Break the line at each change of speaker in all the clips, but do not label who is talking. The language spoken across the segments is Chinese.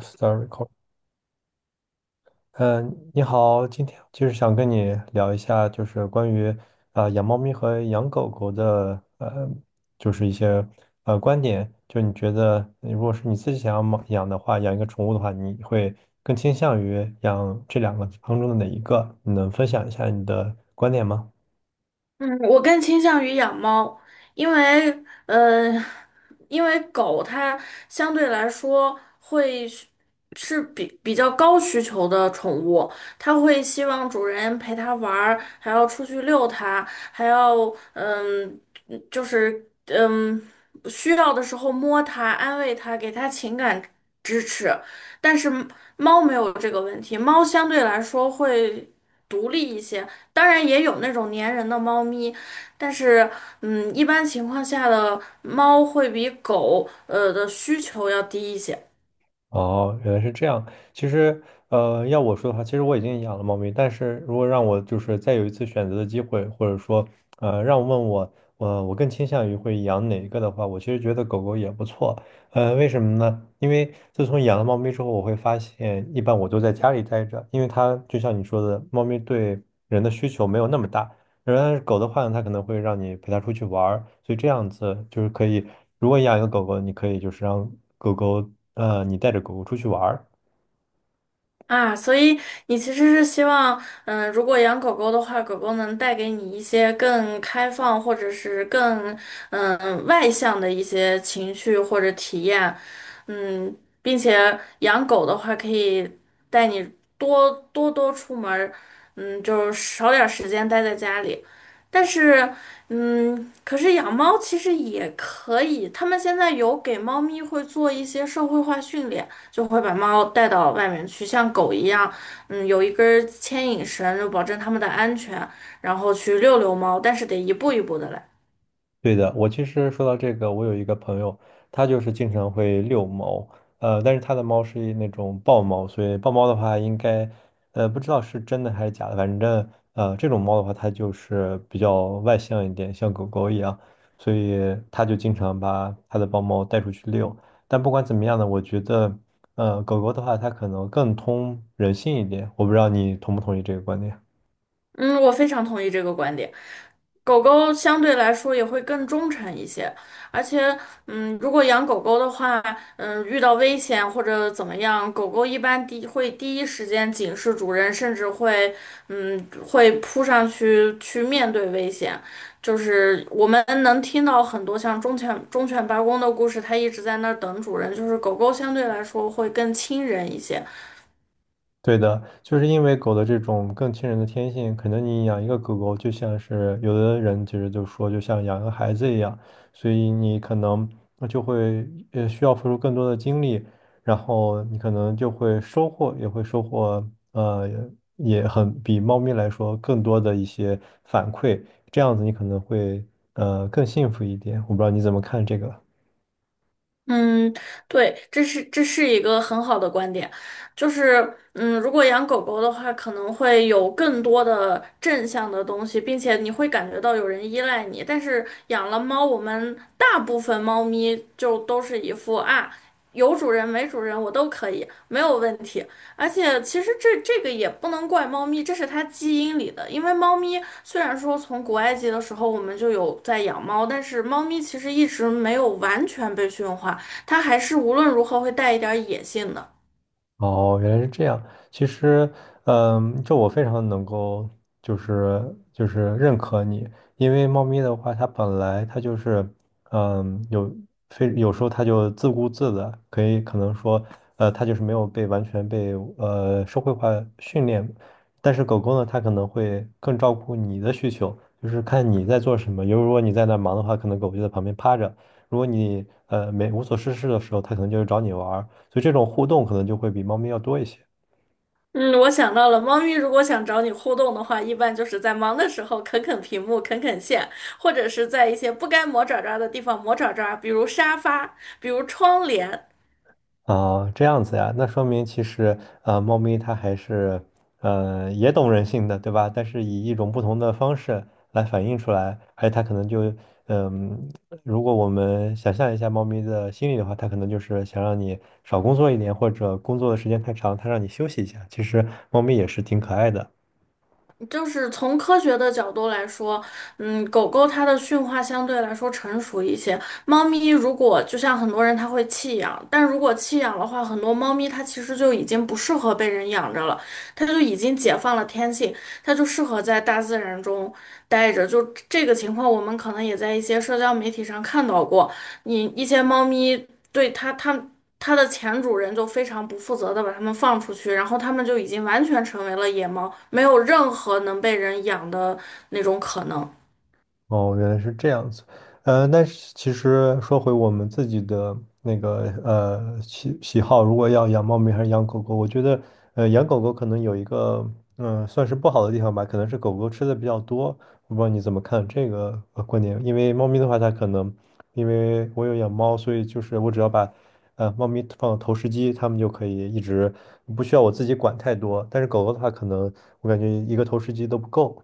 Start r e c a l l 嗯，你好，今天就是想跟你聊一下，就是关于养猫咪和养狗狗的，就是一些观点。就你觉得，如果是你自己想要猫养的话，养一个宠物的话，你会更倾向于养这两个当中的哪一个？你能分享一下你的观点吗？
嗯，我更倾向于养猫，因为呃，因为狗它相对来说是比较高需求的宠物，它会希望主人陪它玩儿，还要出去遛它，还要嗯，就是嗯，需要的时候摸它、安慰它，给它情感支持。但是猫没有这个问题，猫相对来说会独立一些。当然也有那种粘人的猫咪，但是一般情况下的猫会比狗的需求要低一些。
哦，原来是这样。其实，要我说的话，其实我已经养了猫咪，但是如果让我就是再有一次选择的机会，或者说，让我问我，我更倾向于会养哪一个的话，我其实觉得狗狗也不错。为什么呢？因为自从养了猫咪之后，我会发现，一般我都在家里待着，因为它就像你说的，猫咪对人的需求没有那么大。然后狗的话呢，它可能会让你陪它出去玩儿，所以这样子就是可以，如果养一个狗狗，你可以就是让狗狗，你带着狗狗出去玩儿，
啊，所以你其实是希望，嗯，如果养狗狗的话，狗狗能带给你一些更开放或者是更外向的一些情绪或者体验，嗯，并且养狗的话可以带你多出门儿，嗯，就是少点儿时间待在家里。但是，嗯，可是养猫其实也可以，他们现在有给猫咪会做一些社会化训练。就会把猫带到外面去，像狗一样，嗯，有一根儿牵引绳，就保证它们的安全，然后去遛遛猫，但是得一步一步的来。
对的，我其实说到这个，我有一个朋友，他就是经常会遛猫，但是他的猫是一那种豹猫，所以豹猫的话，应该，不知道是真的还是假的，反正，这种猫的话，它就是比较外向一点，像狗狗一样，所以他就经常把他的豹猫带出去遛。但不管怎么样呢，我觉得，狗狗的话，它可能更通人性一点，我不知道你同不同意这个观点。
嗯，我非常同意这个观点。狗狗相对来说也会更忠诚一些，而且，嗯，如果养狗狗的话，嗯，遇到危险或者怎么样，狗狗一般第会第一时间警示主人，甚至会，嗯，会扑上去去面对危险。就是我们能听到很多像忠犬八公的故事，它一直在那儿等主人，就是狗狗相对来说会更亲人一些。
对的，就是因为狗的这种更亲人的天性，可能你养一个狗狗，就像是有的人其实就说，就像养个孩子一样，所以你可能就会需要付出更多的精力，然后你可能就会收获，也会收获呃也很比猫咪来说更多的一些反馈，这样子你可能会更幸福一点。我不知道你怎么看这个。
嗯，对，这是一个很好的观点，就是，嗯，如果养狗狗的话，可能会有更多的正向的东西，并且你会感觉到有人依赖你。但是养了猫，我们大部分猫咪就都是一副啊，有主人没主人我都可以，没有问题。而且其实这个也不能怪猫咪，这是它基因里的。因为猫咪虽然说从古埃及的时候我们就有在养猫，但是猫咪其实一直没有完全被驯化。它还是无论如何会带一点野性的。
哦，原来是这样。其实，嗯，这我非常能够，就是认可你，因为猫咪的话，它本来它就是，嗯，有非有时候它就自顾自的，可能说，它就是没有被完全被社会化训练，但是狗狗呢，它可能会更照顾你的需求，就是看你在做什么。如果你在那儿忙的话，可能狗就在旁边趴着；如果你没无所事事的时候，它可能就找你玩儿，所以这种互动可能就会比猫咪要多一些。
嗯，我想到了，猫咪如果想找你互动的话，一般就是在忙的时候啃啃屏幕、啃啃线，或者是在一些不该磨爪爪的地方磨爪爪，比如沙发，比如窗帘。
啊，这样子呀，那说明其实猫咪它还是也懂人性的，对吧？但是以一种不同的方式来反映出来，而且它可能就嗯、如果我们想象一下猫咪的心理的话，它可能就是想让你少工作一点，或者工作的时间太长，它让你休息一下。其实猫咪也是挺可爱的。
就是从科学的角度来说，嗯，狗狗它的驯化相对来说成熟一些。猫咪如果就像很多人他会弃养，但如果弃养的话，很多猫咪它其实就已经不适合被人养着了，它就已经解放了天性，它就适合在大自然中待着。就这个情况，我们可能也在一些社交媒体上看到过，你一些猫咪对它它的前主人就非常不负责的把它们放出去，然后它们就已经完全成为了野猫，没有任何能被人养的那种可能。
哦，原来是这样子。嗯，但是其实说回我们自己的那个喜好，如果要养猫咪还是养狗狗，我觉得养狗狗可能有一个算是不好的地方吧，可能是狗狗吃的比较多。我不知道你怎么看这个观点，因为猫咪的话，它可能因为我有养猫，所以就是我只要把猫咪放到投食机，它们就可以一直不需要我自己管太多。但是狗狗的话，可能我感觉一个投食机都不够。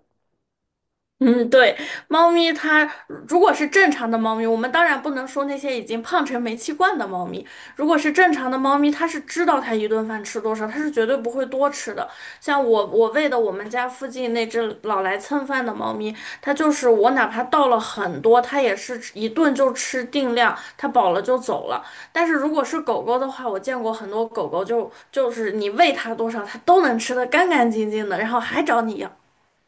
嗯，对，猫咪它如果是正常的猫咪，我们当然不能说那些已经胖成煤气罐的猫咪。如果是正常的猫咪，它是知道它一顿饭吃多少，它是绝对不会多吃的。像我，我喂的我们家附近那只老来蹭饭的猫咪，它就是我哪怕倒了很多，它也是一顿就吃定量，它饱了就走了。但是如果是狗狗的话，我见过很多狗狗就是你喂它多少，它都能吃得干干净净的，然后还找你要。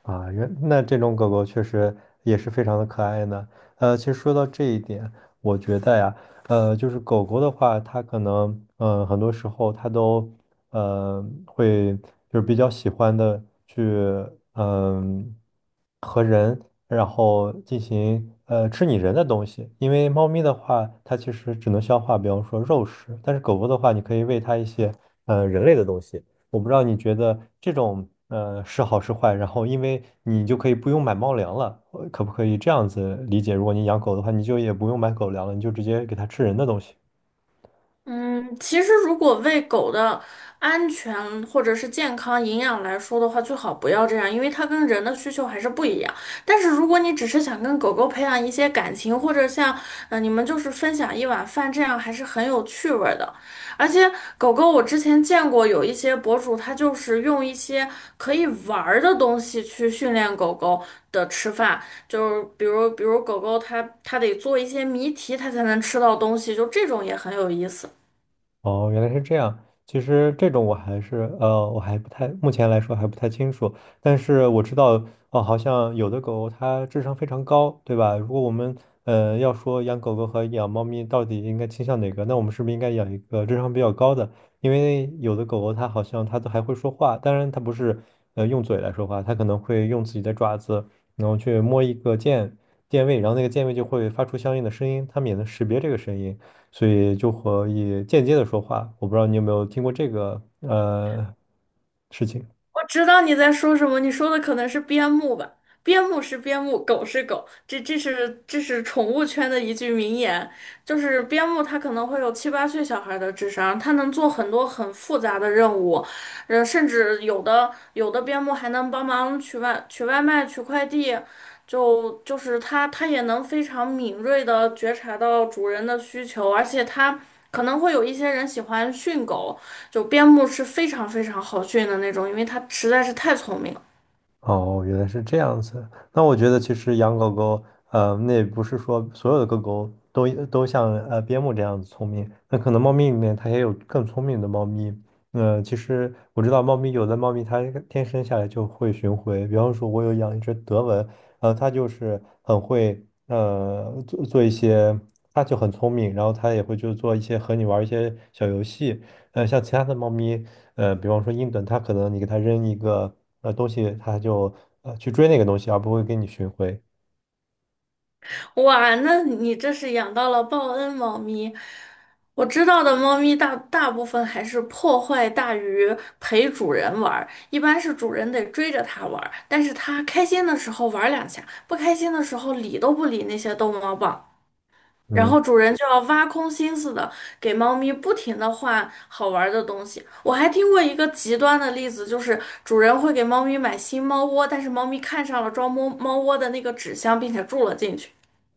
啊，原那这种狗狗确实也是非常的可爱呢。其实说到这一点，我觉得呀，就是狗狗的话，它可能，很多时候它都，会就是比较喜欢的去，嗯、和人，然后进行，吃你人的东西。因为猫咪的话，它其实只能消化，比方说肉食，但是狗狗的话，你可以喂它一些，人类的东西。我不知道你觉得这种是好是坏，然后因为你就可以不用买猫粮了，可不可以这样子理解？如果你养狗的话，你就也不用买狗粮了，你就直接给它吃人的东西。
嗯，其实如果喂狗的安全或者是健康营养来说的话，最好不要这样，因为它跟人的需求还是不一样。但是如果你只是想跟狗狗培养一些感情，或者像你们就是分享一碗饭，这样还是很有趣味儿的。而且狗狗我之前见过有一些博主，他就是用一些可以玩儿的东西去训练狗狗的吃饭，就是比如狗狗它得做一些谜题，它才能吃到东西，就这种也很有意思。
哦，原来是这样。其实这种我还是我还不太，目前来说还不太清楚。但是我知道，哦，好像有的狗它智商非常高，对吧？如果我们要说养狗狗和养猫咪到底应该倾向哪个，那我们是不是应该养一个智商比较高的？因为有的狗狗它好像它都还会说话，当然它不是用嘴来说话，它可能会用自己的爪子，然后去摸一个键位，然后那个键位就会发出相应的声音，它们也能识别这个声音。所以就可以间接的说话。我不知道你有没有听过这个事情。
我知道你在说什么，你说的可能是边牧吧？边牧是边牧，狗是狗，这是宠物圈的一句名言，就是边牧它可能会有七八岁小孩的智商，它能做很多很复杂的任务，甚至有的边牧还能帮忙取外卖、取快递，就是它，它也能非常敏锐地觉察到主人的需求，而且它可能会有一些人喜欢训狗，就边牧是非常非常好训的那种，因为它实在是太聪明了。
哦，哦原来是这样子。那我觉得其实养狗狗，那也不是说所有的狗狗都像边牧这样子聪明。那可能猫咪里面它也有更聪明的猫咪。其实我知道猫咪有的猫咪它天生下来就会巡回，比方说我有养一只德文，它就是很会做一些，它就很聪明，然后它也会就做一些和你玩一些小游戏。像其他的猫咪，比方说英短，它可能你给它扔一个东西，它就去追那个东西，而不会给你寻回。
哇，那你这是养到了报恩猫咪。我知道的猫咪大部分还是破坏大于陪主人玩儿，一般是主人得追着它玩儿，但是它开心的时候玩儿两下，不开心的时候理都不理那些逗猫棒。然
嗯。
后主人就要挖空心思的给猫咪不停的换好玩儿的东西。我还听过一个极端的例子，就是主人会给猫咪买新猫窝，但是猫咪看上了装猫窝的那个纸箱，并且住了进去。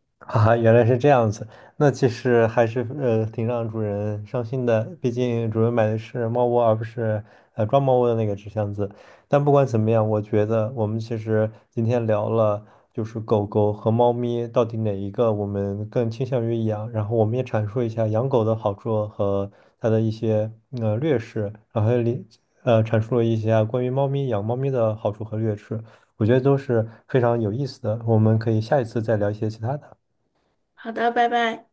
啊，原来是这样子，那其实还是挺让主人伤心的，毕竟主人买的是猫窝，而不是装猫窝的那个纸箱子。但不管怎么样，我觉得我们其实今天聊了，就是狗狗和猫咪到底哪一个我们更倾向于养，然后我们也阐述一下养狗的好处和它的一些劣势，然后阐述了一下关于猫咪养猫咪的好处和劣势，我觉得都是非常有意思的，我们可以下一次再聊一些其他的。
好的，拜拜。